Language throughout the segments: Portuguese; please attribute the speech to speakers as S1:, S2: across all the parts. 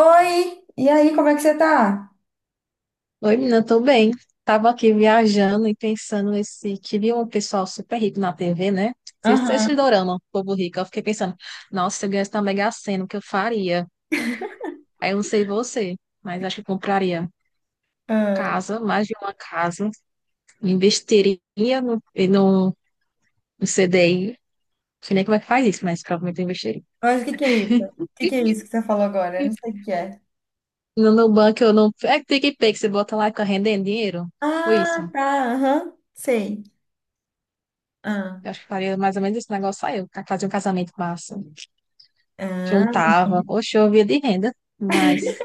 S1: Oi! E aí, como é que você tá?
S2: Oi, menina, tô bem. Tava aqui viajando e pensando nesse que vi um pessoal super rico na TV, né? Vocês se
S1: Aham.
S2: dorama, o povo rico. Eu fiquei pensando, nossa, se eu ganhasse na Mega Sena, o que eu faria? Aí eu não sei você, mas acho que eu compraria
S1: Ah,
S2: casa, mais de uma casa, investiria no, no, no CDI. Não sei nem como é que faz isso, mas provavelmente eu investiria.
S1: Mas o que que é isso? O que que é isso que você falou agora? Eu não sei o que é.
S2: No Nubank eu não. É que PicPay que você bota lá e fica rendendo dinheiro? Foi isso.
S1: Ah, tá, aham, sei. ah,
S2: Eu acho que faria mais ou menos esse negócio aí, eu fazer um casamento massa.
S1: ah.
S2: Juntava. Oxe, eu via de renda, mas.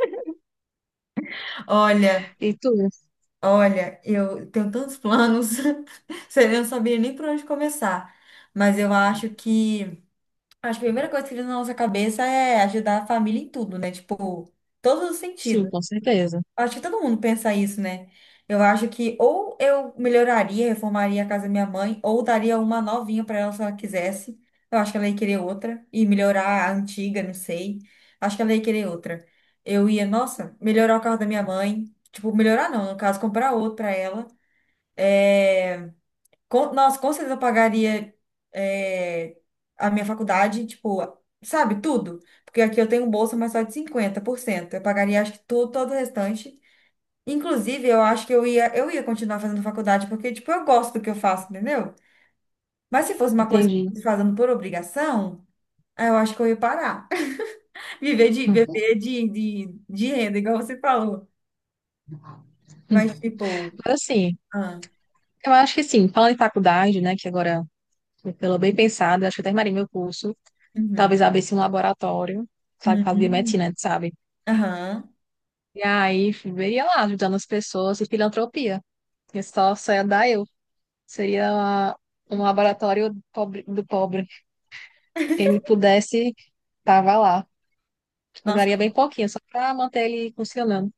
S1: Olha,
S2: E tu?
S1: olha, eu tenho tantos planos. Eu não sabia nem por onde começar. Mas eu acho que a primeira coisa que vem na nossa cabeça é ajudar a família em tudo, né? Tipo, todos os
S2: Sim,
S1: sentidos.
S2: com certeza.
S1: Acho que todo mundo pensa isso, né? Eu acho que ou eu melhoraria, reformaria a casa da minha mãe, ou daria uma novinha para ela se ela quisesse. Eu acho que ela ia querer outra e melhorar a antiga, não sei. Acho que ela ia querer outra. Eu ia, nossa, melhorar o carro da minha mãe. Tipo, melhorar não, no caso, comprar outro para ela. Com, nossa, com certeza eu pagaria é, a minha faculdade, tipo, sabe, tudo. Porque aqui eu tenho bolsa, mas só de 50%. Eu pagaria, acho que tudo, todo o restante. Inclusive, eu acho que eu ia continuar fazendo faculdade, porque, tipo, eu gosto do que eu faço, entendeu? Mas se fosse uma coisa que eu
S2: Entendi.
S1: estivesse fazendo por obrigação, aí eu acho que eu ia parar. Viver de renda, igual você falou. Mas,
S2: Hum.
S1: tipo,
S2: Mas assim,
S1: ah,
S2: eu acho que sim, falando em faculdade, né, que agora, pelo bem pensado, eu acho que eu terminarei meu curso.
S1: uhum,
S2: Talvez abrisse um laboratório, sabe, para
S1: uhum,
S2: biomedicina, sabe?
S1: aham.
S2: E aí, veria lá, ajudando as pessoas e filantropia. Que só, só ia dar eu. Seria um laboratório do pobre, do pobre. Quem me pudesse, tava lá.
S1: Nossa,
S2: Cobraria bem pouquinho, só para manter ele funcionando.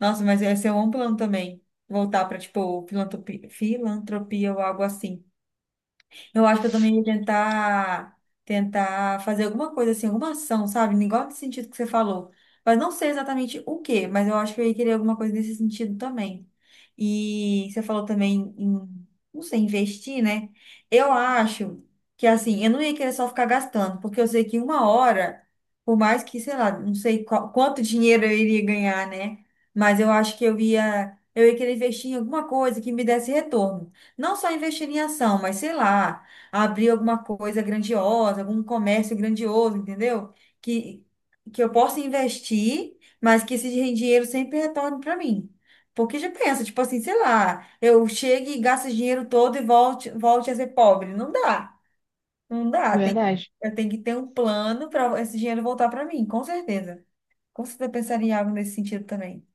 S1: nossa, mas esse é um plano também. Voltar para, tipo, filantropia ou algo assim. Eu acho que eu também ia tentar, tentar fazer alguma coisa assim, alguma ação, sabe? Igual nesse sentido que você falou. Mas não sei exatamente o quê, mas eu acho que eu ia querer alguma coisa nesse sentido também. E você falou também em, não sei, investir, né? Eu acho que assim, eu não ia querer só ficar gastando, porque eu sei que uma hora, por mais que, sei lá, não sei qual- quanto dinheiro eu iria ganhar, né? Mas eu acho que eu ia querer investir em alguma coisa que me desse retorno. Não só investir em ação, mas sei lá abrir alguma coisa grandiosa, algum comércio grandioso, entendeu? Que, que eu possa investir, mas que esse dinheiro sempre retorne para mim. Porque já pensa, tipo assim, sei lá, eu chego e gasto esse dinheiro todo e volte a ser pobre. Não dá.
S2: De verdade.
S1: Eu tenho que ter um plano para esse dinheiro voltar para mim, com certeza. Com certeza eu pensaria em algo nesse sentido também.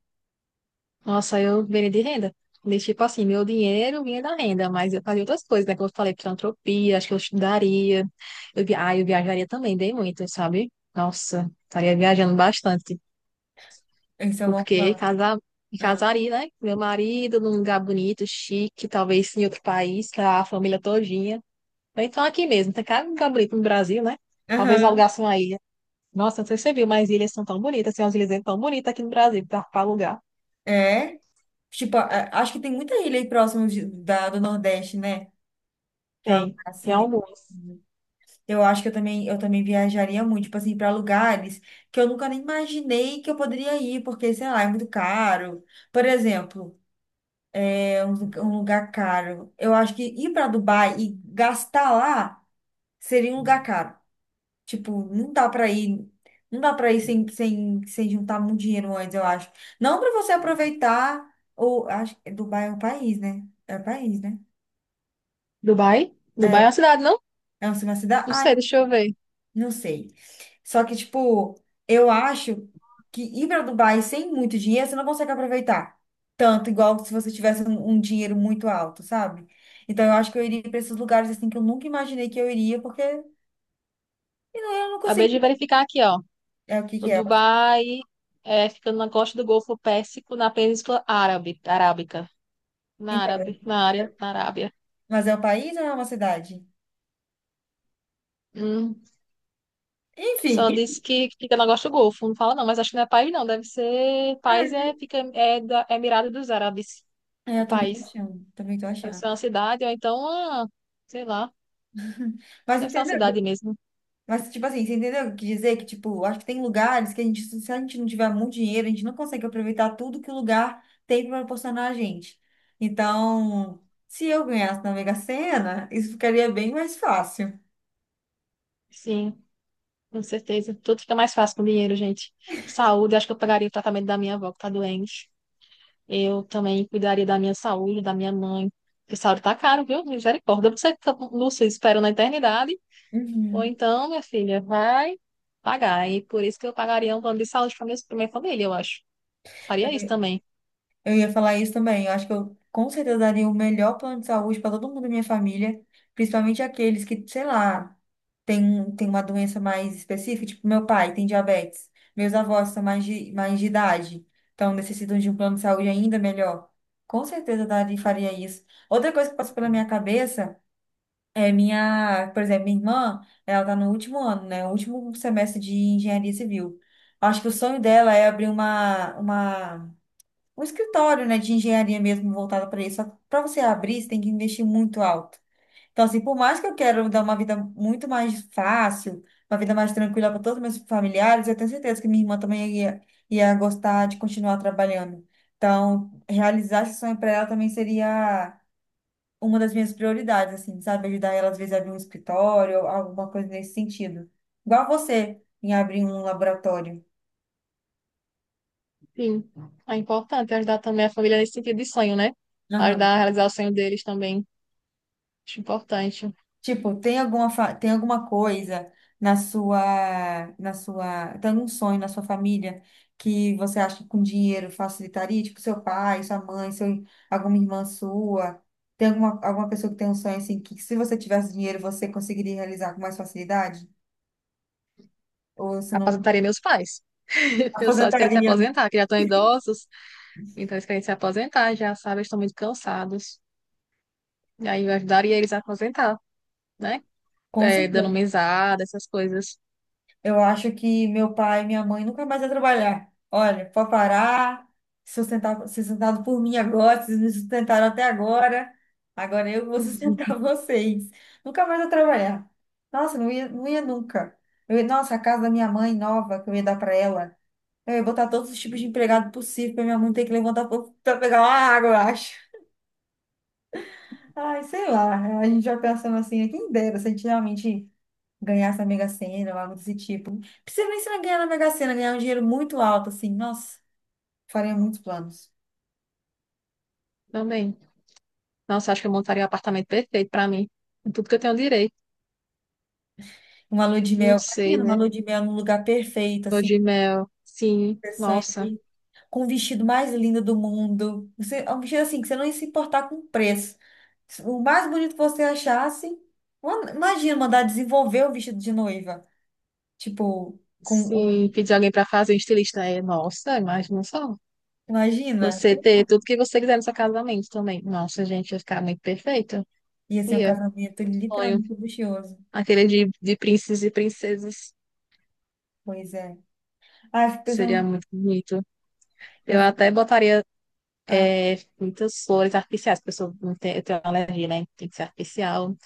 S2: Nossa, eu viria de renda. De, tipo assim, meu dinheiro vinha da renda, mas eu fazia outras coisas, né? Como eu falei, filantropia, acho que eu estudaria. Eu, eu viajaria também, bem muito, sabe? Nossa, estaria viajando bastante.
S1: Esse é o meu
S2: Porque
S1: plano.
S2: casar, me
S1: Ah.
S2: casaria, né? Com meu marido num lugar bonito, chique, talvez em outro país, com a família todinha. Ou então aqui mesmo, tem cada lugar bonito no Brasil, né? Talvez
S1: Aham.
S2: alugasse uma ilha. Nossa, não sei se você viu, mas ilhas são tão bonitas, tem umas ilhas tão bonitas aqui no Brasil para alugar.
S1: É. Tipo, acho que tem muita ilha aí da, do Nordeste, né? Pra alugar
S2: Tem,
S1: assim,
S2: tem
S1: né?
S2: algumas.
S1: Eu acho que eu também viajaria muito, tipo assim, para lugares que eu nunca nem imaginei que eu poderia ir, porque, sei lá, é muito caro. Por exemplo, é um lugar caro. Eu acho que ir para Dubai e gastar lá seria um lugar caro. Tipo, não dá para ir sem juntar muito dinheiro antes, eu acho. Não para você aproveitar, ou acho que Dubai é um país, né? É um país, né?
S2: Dubai? Dubai é uma cidade, não?
S1: É uma cidade?
S2: Não
S1: Ah,
S2: sei, deixa eu ver.
S1: não sei. Só que, tipo, eu acho que ir para Dubai sem muito dinheiro, você não consegue aproveitar tanto, igual se você tivesse um dinheiro muito alto, sabe? Então, eu acho que eu iria para esses lugares, assim, que eu nunca imaginei que eu iria, porque eu não, eu não
S2: Acabei
S1: consigo.
S2: de verificar aqui, ó.
S1: É o que
S2: O
S1: que é.
S2: Dubai é ficando na costa do Golfo Pérsico, na Península Árabe, Arábica. Na
S1: Então,
S2: Árabe, na área, na Arábia.
S1: mas é um país ou é uma cidade?
S2: Hum.
S1: Enfim.
S2: Só disse que fica na costa do Golfo, não fala não, mas acho que não é país não, deve ser... País é, fica, é da Emirado dos Árabes,
S1: É,
S2: o
S1: eu também tô
S2: país.
S1: achando, também tô
S2: Deve
S1: achando.
S2: ser uma cidade, ou então, ah, sei lá,
S1: Mas
S2: deve ser uma
S1: entendeu?
S2: cidade mesmo.
S1: Mas, tipo assim, você entendeu o que eu quis dizer? Que, tipo, acho que tem lugares que a gente, se a gente não tiver muito dinheiro, a gente não consegue aproveitar tudo que o lugar tem para proporcionar a gente. Então, se eu ganhasse na Mega Sena, isso ficaria bem mais fácil.
S2: Sim, com certeza. Tudo fica mais fácil com dinheiro, gente. Saúde, acho que eu pagaria o tratamento da minha avó que tá doente. Eu também cuidaria da minha saúde, da minha mãe. Porque saúde tá caro, viu? Misericórdia. Ou você fica, Lúcia, espera na eternidade, ou
S1: Uhum.
S2: então, minha filha, vai pagar. E por isso que eu pagaria um plano de saúde para pra minha família, eu acho. Faria isso também.
S1: Eu ia falar isso também. Eu acho que eu com certeza daria o melhor plano de saúde para todo mundo da minha família, principalmente aqueles que, sei lá, tem uma doença mais específica, tipo meu pai tem diabetes, meus avós são mais de idade, então necessitam de um plano de saúde ainda melhor. Com certeza daria, faria isso. Outra coisa que passou pela minha cabeça é minha, por exemplo, minha irmã. Ela tá no último ano, né? O último semestre de engenharia civil. Acho que o sonho dela é abrir uma um escritório, né, de engenharia mesmo voltado para isso. Só que para você abrir, você tem que investir muito alto. Então, assim, por mais que eu quero dar uma vida muito mais fácil, uma vida mais tranquila para todos os meus familiares, eu tenho certeza que minha irmã também ia gostar de continuar trabalhando. Então, realizar esse sonho para ela também seria uma das minhas prioridades, assim, sabe? Ajudar ela, às vezes, a abrir um escritório, alguma coisa nesse sentido. Igual você em abrir um laboratório.
S2: Sim, é importante ajudar também a família nesse sentido de sonho, né? Ajudar a realizar o sonho deles também. Acho importante.
S1: Tipo, tem alguma coisa na sua, na sua, tem algum sonho na sua família que você acha que com dinheiro facilitaria? Tipo, seu pai, sua mãe, seu, alguma irmã sua. Tem alguma pessoa que tem um sonho assim que, se você tivesse dinheiro, você conseguiria realizar com mais facilidade? Ou você não...
S2: Aposentaria meus pais. Meus pais querem se
S1: Aposentaria, né?
S2: aposentar, que já estão idosos, então eles querem se aposentar, já sabem, eles estão muito cansados. E aí eu ajudaria eles a aposentar, né?
S1: Com
S2: É, dando
S1: certeza.
S2: mesada, essas coisas.
S1: Eu acho que meu pai e minha mãe nunca mais vai trabalhar. Olha, pode parar, sustentar, ser sustentado por mim agora. Vocês me sustentaram até agora, agora eu vou sustentar vocês. Nunca mais vou trabalhar. Nossa, não ia nunca. Nossa, a casa da minha mãe nova que eu ia dar para ela, eu ia botar todos os tipos de empregado possível para minha mãe ter que levantar para pegar uma água, eu acho. Ai, sei lá, a gente já pensando assim, quem dera se a gente realmente ganhar essa Mega Sena ou algo desse tipo. Não precisa nem ser ganhar na Mega Sena, ganhar um dinheiro muito alto, assim. Nossa, faria muitos planos.
S2: Também. Nossa, acho que eu montaria um apartamento perfeito pra mim. Com tudo que eu tenho direito.
S1: Uma lua de
S2: Não
S1: mel,
S2: sei,
S1: imagina, uma
S2: né?
S1: lua de mel num lugar perfeito,
S2: Lua
S1: assim,
S2: de mel. Sim, nossa.
S1: interessante, com o vestido mais lindo do mundo. É um vestido assim, que você não ia se importar com o preço. O mais bonito que você achasse. Mano, imagina mandar desenvolver o vestido de noiva. Tipo, com
S2: Sim,
S1: um.
S2: pedir alguém pra fazer um estilista. É, nossa, imagina só.
S1: Imagina.
S2: Você ter tudo que você quiser no seu casamento também. Nossa, gente, ia ficar muito perfeito.
S1: Ia ser um
S2: Ia,
S1: casamento
S2: sonho.
S1: literalmente luxuoso.
S2: Aquele de príncipes e princesas.
S1: Pois é. Ah, eu fico
S2: Seria
S1: pensando.
S2: muito bonito.
S1: eu
S2: Eu
S1: fico-
S2: até botaria
S1: ah,
S2: muitas flores artificiais, porque eu, sou, não tenho- eu tenho uma alergia, né? Tem que ser artificial.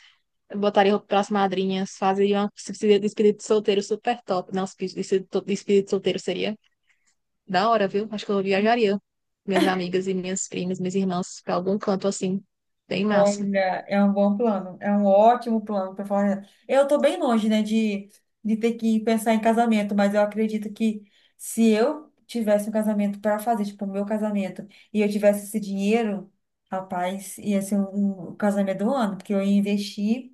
S2: Eu botaria roupa para as madrinhas, fazeria uma se precisa de espírito solteiro super top. Não, se precisa de espírito solteiro seria da hora, viu? Acho que eu viajaria. Minhas amigas e minhas primas, minhas irmãs, para algum canto assim. Bem massa.
S1: Olha, é um bom plano, é um ótimo plano para falar. Eu estou bem longe, né, de ter que pensar em casamento, mas eu acredito que, se eu tivesse um casamento para fazer, tipo, o meu casamento, e eu tivesse esse dinheiro, rapaz, ia ser um casamento do ano, porque eu ia investir.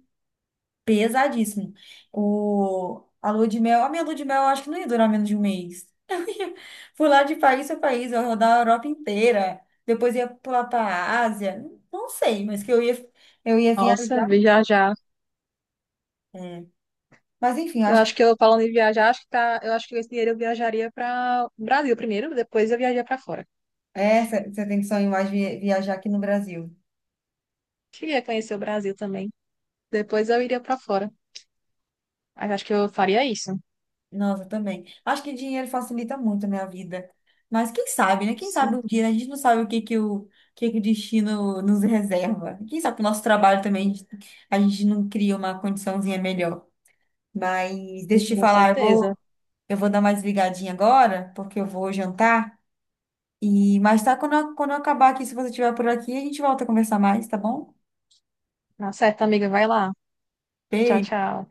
S1: Pesadíssimo. A lua de mel, a minha lua de mel, eu acho que não ia durar menos de um mês. Eu ia pular de país a país, eu ia rodar a Europa inteira, depois ia pular para a Ásia, não sei, mas que eu ia
S2: Nossa,
S1: viajar.
S2: viajar.
S1: É. Mas enfim, eu
S2: Eu
S1: acho que
S2: acho que eu falando em viajar, acho que tá, eu acho que esse dinheiro eu viajaria para o Brasil primeiro, depois eu viajaria para fora.
S1: essa você tem que sonhar mais viajar aqui no Brasil.
S2: Queria conhecer o Brasil também. Depois eu iria para fora. Mas acho que eu faria isso.
S1: Nossa, também. Acho que dinheiro facilita muito, né, a vida. Mas quem sabe, né? Quem sabe
S2: Sim,
S1: um dia, né? A gente não sabe que o destino nos reserva. Quem sabe o nosso trabalho também, a gente não cria uma condiçãozinha melhor. Mas deixa eu te
S2: com
S1: falar,
S2: certeza.
S1: eu vou dar mais ligadinha agora, porque eu vou jantar. E mais tá quando quando eu acabar aqui, se você estiver por aqui, a gente volta a conversar mais, tá bom?
S2: Tá certo, amiga, vai lá. Tchau,
S1: Beijo.
S2: tchau.